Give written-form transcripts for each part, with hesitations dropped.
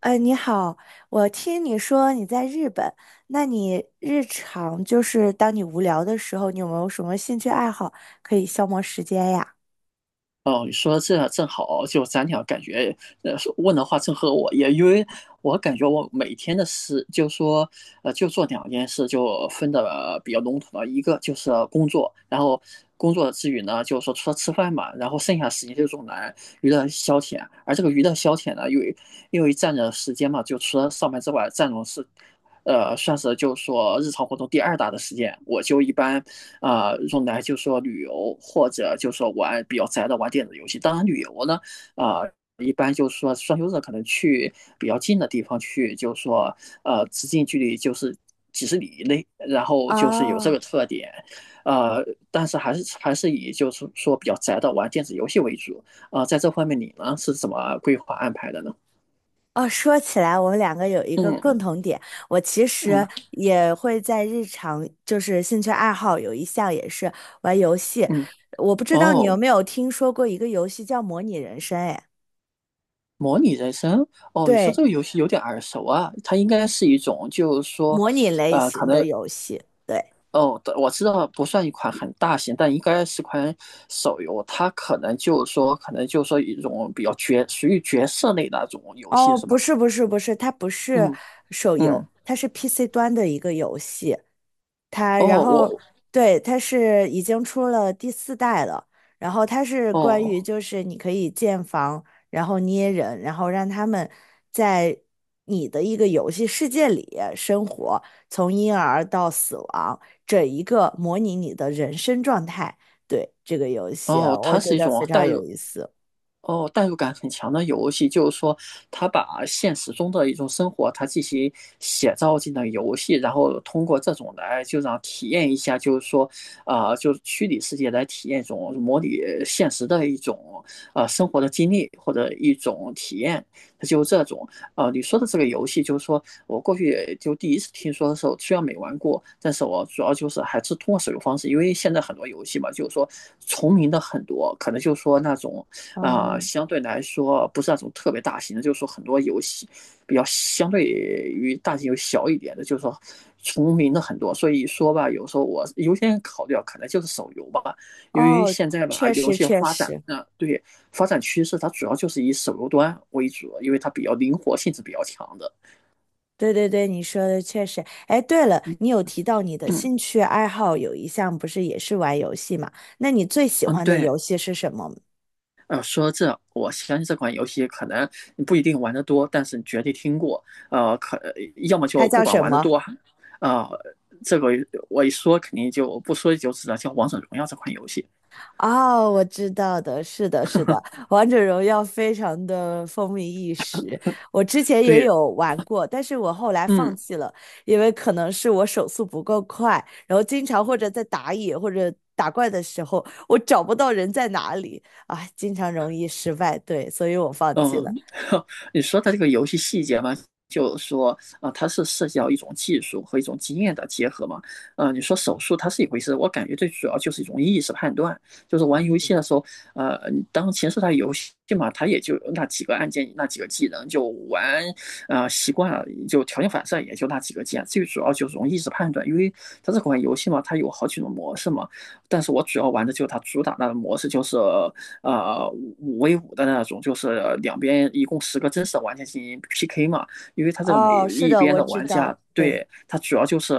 你好，我听你说你在日本，那你日常就是当你无聊的时候，你有没有什么兴趣爱好可以消磨时间呀？哦，你说这正好，就咱俩感觉，呃，问的话正合我意。因为我感觉我每天的事，就说，就做2件事，就分的比较笼统了，一个就是工作，然后工作之余呢，就是说除了吃饭嘛，然后剩下时间就用来娱乐消遣。而这个娱乐消遣呢，因为占着时间嘛，就除了上班之外，占用是算是就是说日常活动第二大的时间。我就一般用来就是说旅游，或者就说玩比较宅的玩电子游戏。当然，旅游呢，啊、呃一般就是说双休日可能去比较近的地方去，就是说直径距离就是几十里以内，然后就是有这个哦特点。呃，但是还是以就是说比较宅的玩电子游戏为主。在这方面你呢是怎么规划安排的呢？哦，说起来，我们两个有一个共嗯同点，我其嗯实也会在日常就是兴趣爱好有一项也是玩游戏，嗯，我不知道你有哦。没有听说过一个游戏叫模拟人生，哎，模拟人生，哦，你说这对，个游戏有点耳熟啊。它应该是一种，就是说，模拟类可型的能，游戏。对。哦，我知道不算一款很大型，但应该是款手游。它可能就是说一种比较属于角色类的那种游戏，哦，是不吗？是不是不是，它不是嗯手嗯，游，它是 PC 端的一个游戏。它哦，然后我，对，它是已经出了第四代了。然后它是关于哦就是你可以建房，然后捏人，然后让他们在你的一个游戏世界里生活，从婴儿到死亡，整一个模拟你的人生状态。对，这个游戏啊哦，我它觉是一得种非常代有入。意思。哦，代入感很强的游戏。就是说，他把现实中的一种生活，他进行写照进了游戏，然后通过这种来就让体验一下。就是说，就是虚拟世界来体验一种模拟现实的一种生活的经历或者一种体验，它就这种。你说的这个游戏，就是说我过去就第一次听说的时候，虽然没玩过，但是我主要就是还是通过手游方式。因为现在很多游戏嘛，就是说重名的很多，可能就是说那种。啊，哦相对来说不是那种特别大型的，就是说很多游戏比较相对于大型游戏小一点的，就是说重名的很多。所以说吧，有时候我优先考虑啊，可能就是手游吧。因为哦，现在吧，确游实戏确发展实。啊，对，发展趋势它主要就是以手游端为主，因为它比较灵活性是比较强的。对对对，你说的确实。哎，对了，嗯你有提到你的嗯兴趣爱好有一项不是也是玩游戏嘛？那你最喜嗯，欢的对。游戏是什么？说这，我相信这款游戏可能你不一定玩得多，但是你绝对听过。呃，可要么它就不叫管什玩得么？多，呃，这个我一说肯定就不说一就知道，叫《王者荣耀》这款游戏。哦，我知道的，是的，是的，《王者荣耀》非常的风靡一时。我之前也对，有玩过，但是我后来放嗯。弃了，因为可能是我手速不够快，然后经常或者在打野或者打怪的时候，我找不到人在哪里，啊，经常容易失败，对，所以我放弃了。嗯。你说的这个游戏细节嘛，就是说它是涉及到一种技术和一种经验的结合嘛。你说手速它是一回事，我感觉最主要就是一种意识判断。就是玩游嗯戏的时候，呃，当前是它游戏嘛，它也就那几个按键、那几个技能，就玩习惯了，就条件反射也就那几个键。最主要就是易意识判断。因为它这款游戏嘛，它有好几种模式嘛，但是我主要玩的就是它主打那个模式，就是呃5v5的那种，就是两边一共10个真实的玩家进行 PK 嘛。因为他这个每哦，是一的，边我的知玩家，道，对，对，他主要就是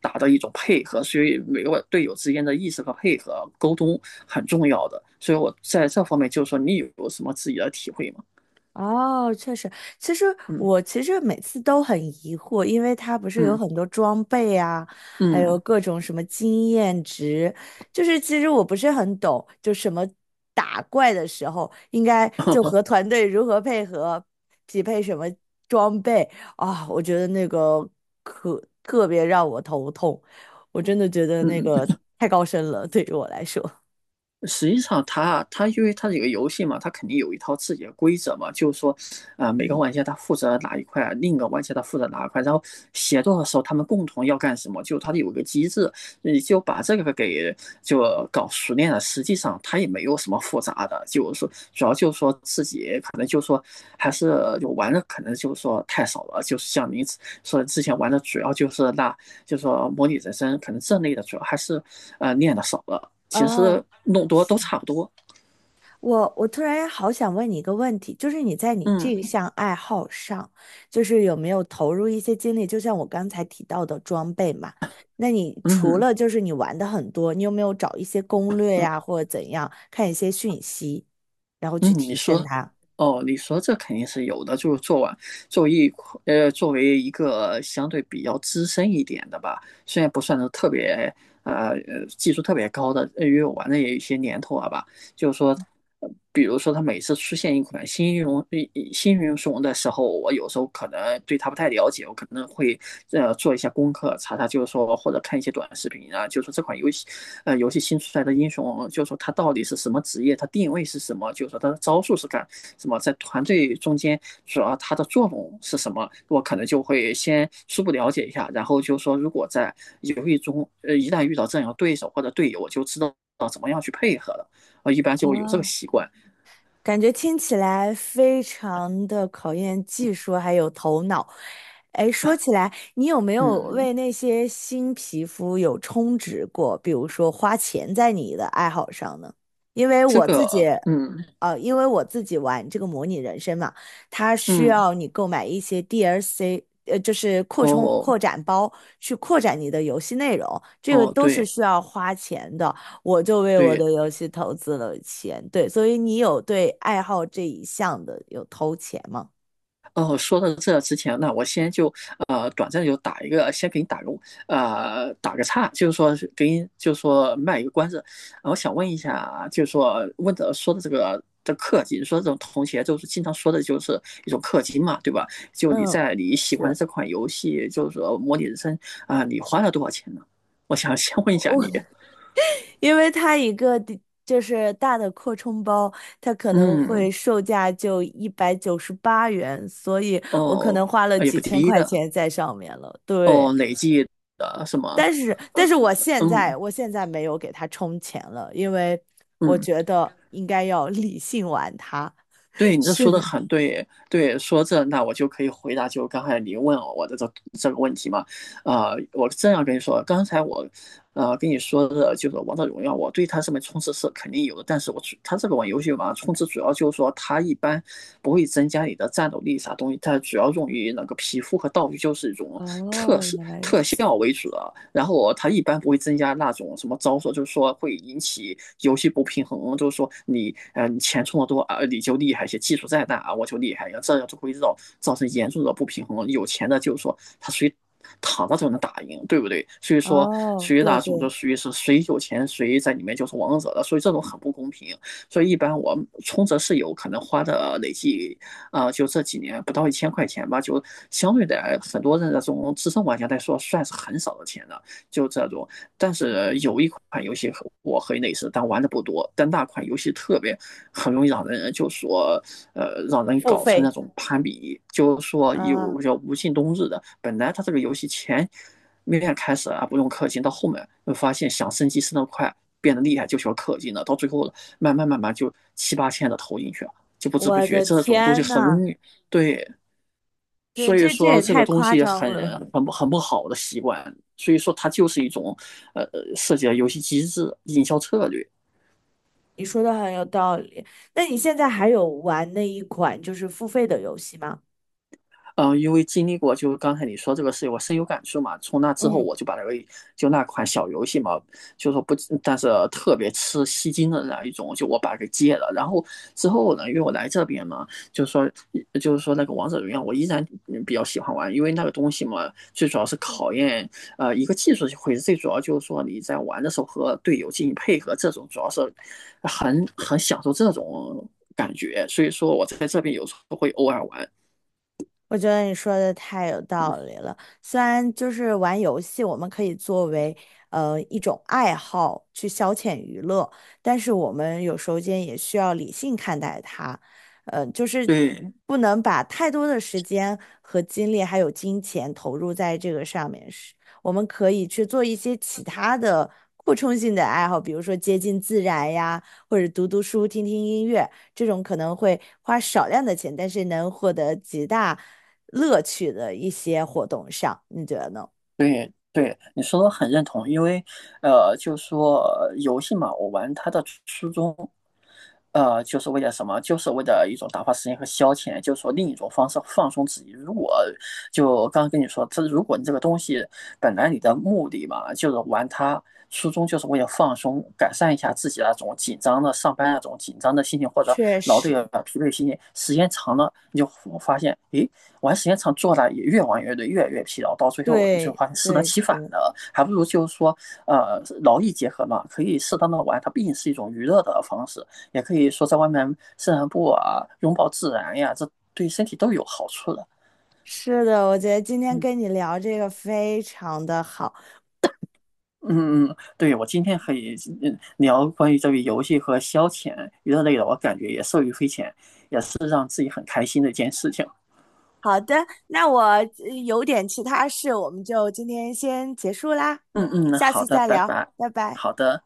打的一种配合，所以每个队友之间的意识和配合沟通很重要的。所以我在这方面，就是说你有什么自己的体会吗？哦，确实，其实嗯我其实每次都很疑惑，因为它不是有嗯很多装备啊，还有嗯。 各种什么经验值，就是其实我不是很懂，就什么打怪的时候应该就和团 队如何配合，匹配什么装备啊，我觉得那个可特别让我头痛，我真的觉得那嗯嗯。个太高深了，对于我来说，实际上它，它因为它这个游戏嘛，它肯定有一套自己的规则嘛。就是说，每个嗯。玩家他负责哪一块，另一个玩家他负责哪一块，然后协作的时候他们共同要干什么，就它有一个机制，你就把这个给搞熟练了。实际上它也没有什么复杂的，就是说主要就是说自己可能就是说还是就玩的可能就是说太少了，就是像您说之前玩的主要就是那，就是说模拟人生可能这类的主要还是练的少了。其实哦弄多都差不多。我突然好想问你一个问题，就是你在你这嗯项爱好上，就是有没有投入一些精力？就像我刚才提到的装备嘛，那你除嗯了就是你玩的很多，你有没有找一些攻略呀，或者怎样，看一些讯息，然后嗯，去提升它？哦，你说这肯定是有的。就是做完作为一呃作为一个相对比较资深一点的吧，虽然不算是特别技术特别高的，因为我玩的也有一些年头了吧。就是说，比如说它每次出现一款新英雄的时候，我有时候可能对它不太了解，我可能会做一下功课，查查就是说或者看一些短视频啊，就是说这款游戏新出来的英雄，就是说它到底是什么职业，它定位是什么，就是说它的招数是干什么，在团队中间主要它的作用是什么，我可能就会先初步了解一下。然后就是说如果在游戏中一旦遇到这样的对手或者队友，我就知道怎么样去配合了。啊，一般就有这个哦，习惯。感觉听起来非常的考验技术还有头脑。哎，说起来，你有没有嗯，为那些新皮肤有充值过？比如说花钱在你的爱好上呢？因为这我自己，个，嗯因为我自己玩这个模拟人生嘛，它需嗯，要你购买一些 DLC，就是扩充哦扩展包去扩展你的游戏内容，这个哦，都是对需要花钱的。我就为我对。的游戏投资了钱，对，所以你有对爱好这一项的有投钱吗？哦，说到这之前那我先就短暂地就打一个，先给你打个岔，就是说是给你就是说卖一个关子。我想问一下，就是说问的说的这个的氪金，说这种同学就是经常说的，就是一种氪金嘛，对吧？就你嗯，在你喜欢的是。这款游戏，就是说模拟人生，你花了多少钱呢？我想先问一下你。因为它一个的就是大的扩充包，它可能会嗯，售价就198元，所以我可能哦，花了也几不千低块的，钱在上面了。对，哦，累计的什么？但是但呃，是我现嗯在我现在没有给它充钱了，因为我嗯，觉得应该要理性玩它。对 你这是说的，的很对。对，说这那我就可以回答，就刚才你问我的这个问题嘛。我这样跟你说，刚才我跟你说的就是《王者荣耀》，我对它上面充值是肯定有的，但是我主它这个玩游戏嘛，充值主要就是说它一般不会增加你的战斗力啥东西，它主要用于那个皮肤和道具，就是一种特哦，色原来如特效此。为主的。然后它一般不会增加那种什么招数，就是说会引起游戏不平衡。就是说你钱充的多啊，你就厉害些，技术再大啊我就厉害，这样就会造成严重的不平衡。有钱的就是说他属于躺着就能打赢，对不对？所以说，哦，属于对那种就对，属于是谁有钱谁在里面就是王者了，所以这种很不公平。所以一般我充值是有可能花的累计就这几年不到1000块钱吧，就相对的很多的这种资深玩家来说，算是很少的钱了，就这种。但是有一款游戏和我很类似，但玩的不多。但那款游戏特别很容易让人就说，让人付搞成那费种攀比，就说啊，有叫无尽冬日的。本来它这个游戏前面开始啊不用氪金，到后面会发现想升级升得快，变得厉害就需要氪金了，到最后慢慢就七八千的投进去。就不知不我觉的这种东西天很呐，容易，对。对，所以这这说也这个太东夸西张很了。很不好的习惯，所以说它就是一种呃设计的游戏机制、营销策略。你说的很有道理。那你现在还有玩那一款就是付费的游戏吗？因为经历过，就是刚才你说这个事情，我深有感触嘛。从那之后，嗯我就把那个就那款小游戏嘛，就说不，但是特别吃吸金的那一种，就我把它给戒了。然后之后呢，因为我来这边嘛，就是说，就是说，那个王者荣耀，我依然比较喜欢玩。因为那个东西嘛，最主要是考验一个技术会，最主要就是说你在玩的时候和队友进行配合，这种主要是很享受这种感觉。所以说我在这边有时候会偶尔玩，我觉得你说的太有道理了。虽然就是玩游戏，我们可以作为一种爱好去消遣娱乐，但是我们有时候间也需要理性看待它，就是对。不能把太多的时间和精力还有金钱投入在这个上面。是，我们可以去做一些其他的扩充性的爱好，比如说接近自然呀，或者读读书、听听音乐。这种可能会花少量的钱，但是能获得极大乐趣的一些活动上，你觉得呢？对对，你说的很认同。因为就说游戏嘛，我玩它的初衷，就是为了什么？就是为了一种打发时间和消遣，就是说另一种方式放松自己。如果就刚刚跟你说，这如果你这个东西本来你的目的嘛，就是玩它，初衷就是为了放松，改善一下自己那种紧张的上班那种紧张的心情或者确劳累啊实，疲惫心情。时间长了你就发现，诶，玩时间长做了也越玩越累，越来越疲劳，到最后就对发现适得对其反对，了。还不如就是说，劳逸结合嘛，可以适当的玩，它毕竟是一种娱乐的方式，也可以说在外面散散步啊，拥抱自然呀，这对身体都有好处的。是的，我觉得今天嗯跟你聊这个非常的好。嗯嗯，对，我今天可以聊关于这个游戏和消遣娱乐类的，我感觉也受益匪浅，也是让自己很开心的一件事情。好的，那我有点其他事，我们就今天先结束啦，嗯嗯，下好次的，再拜聊，拜。拜拜。好的。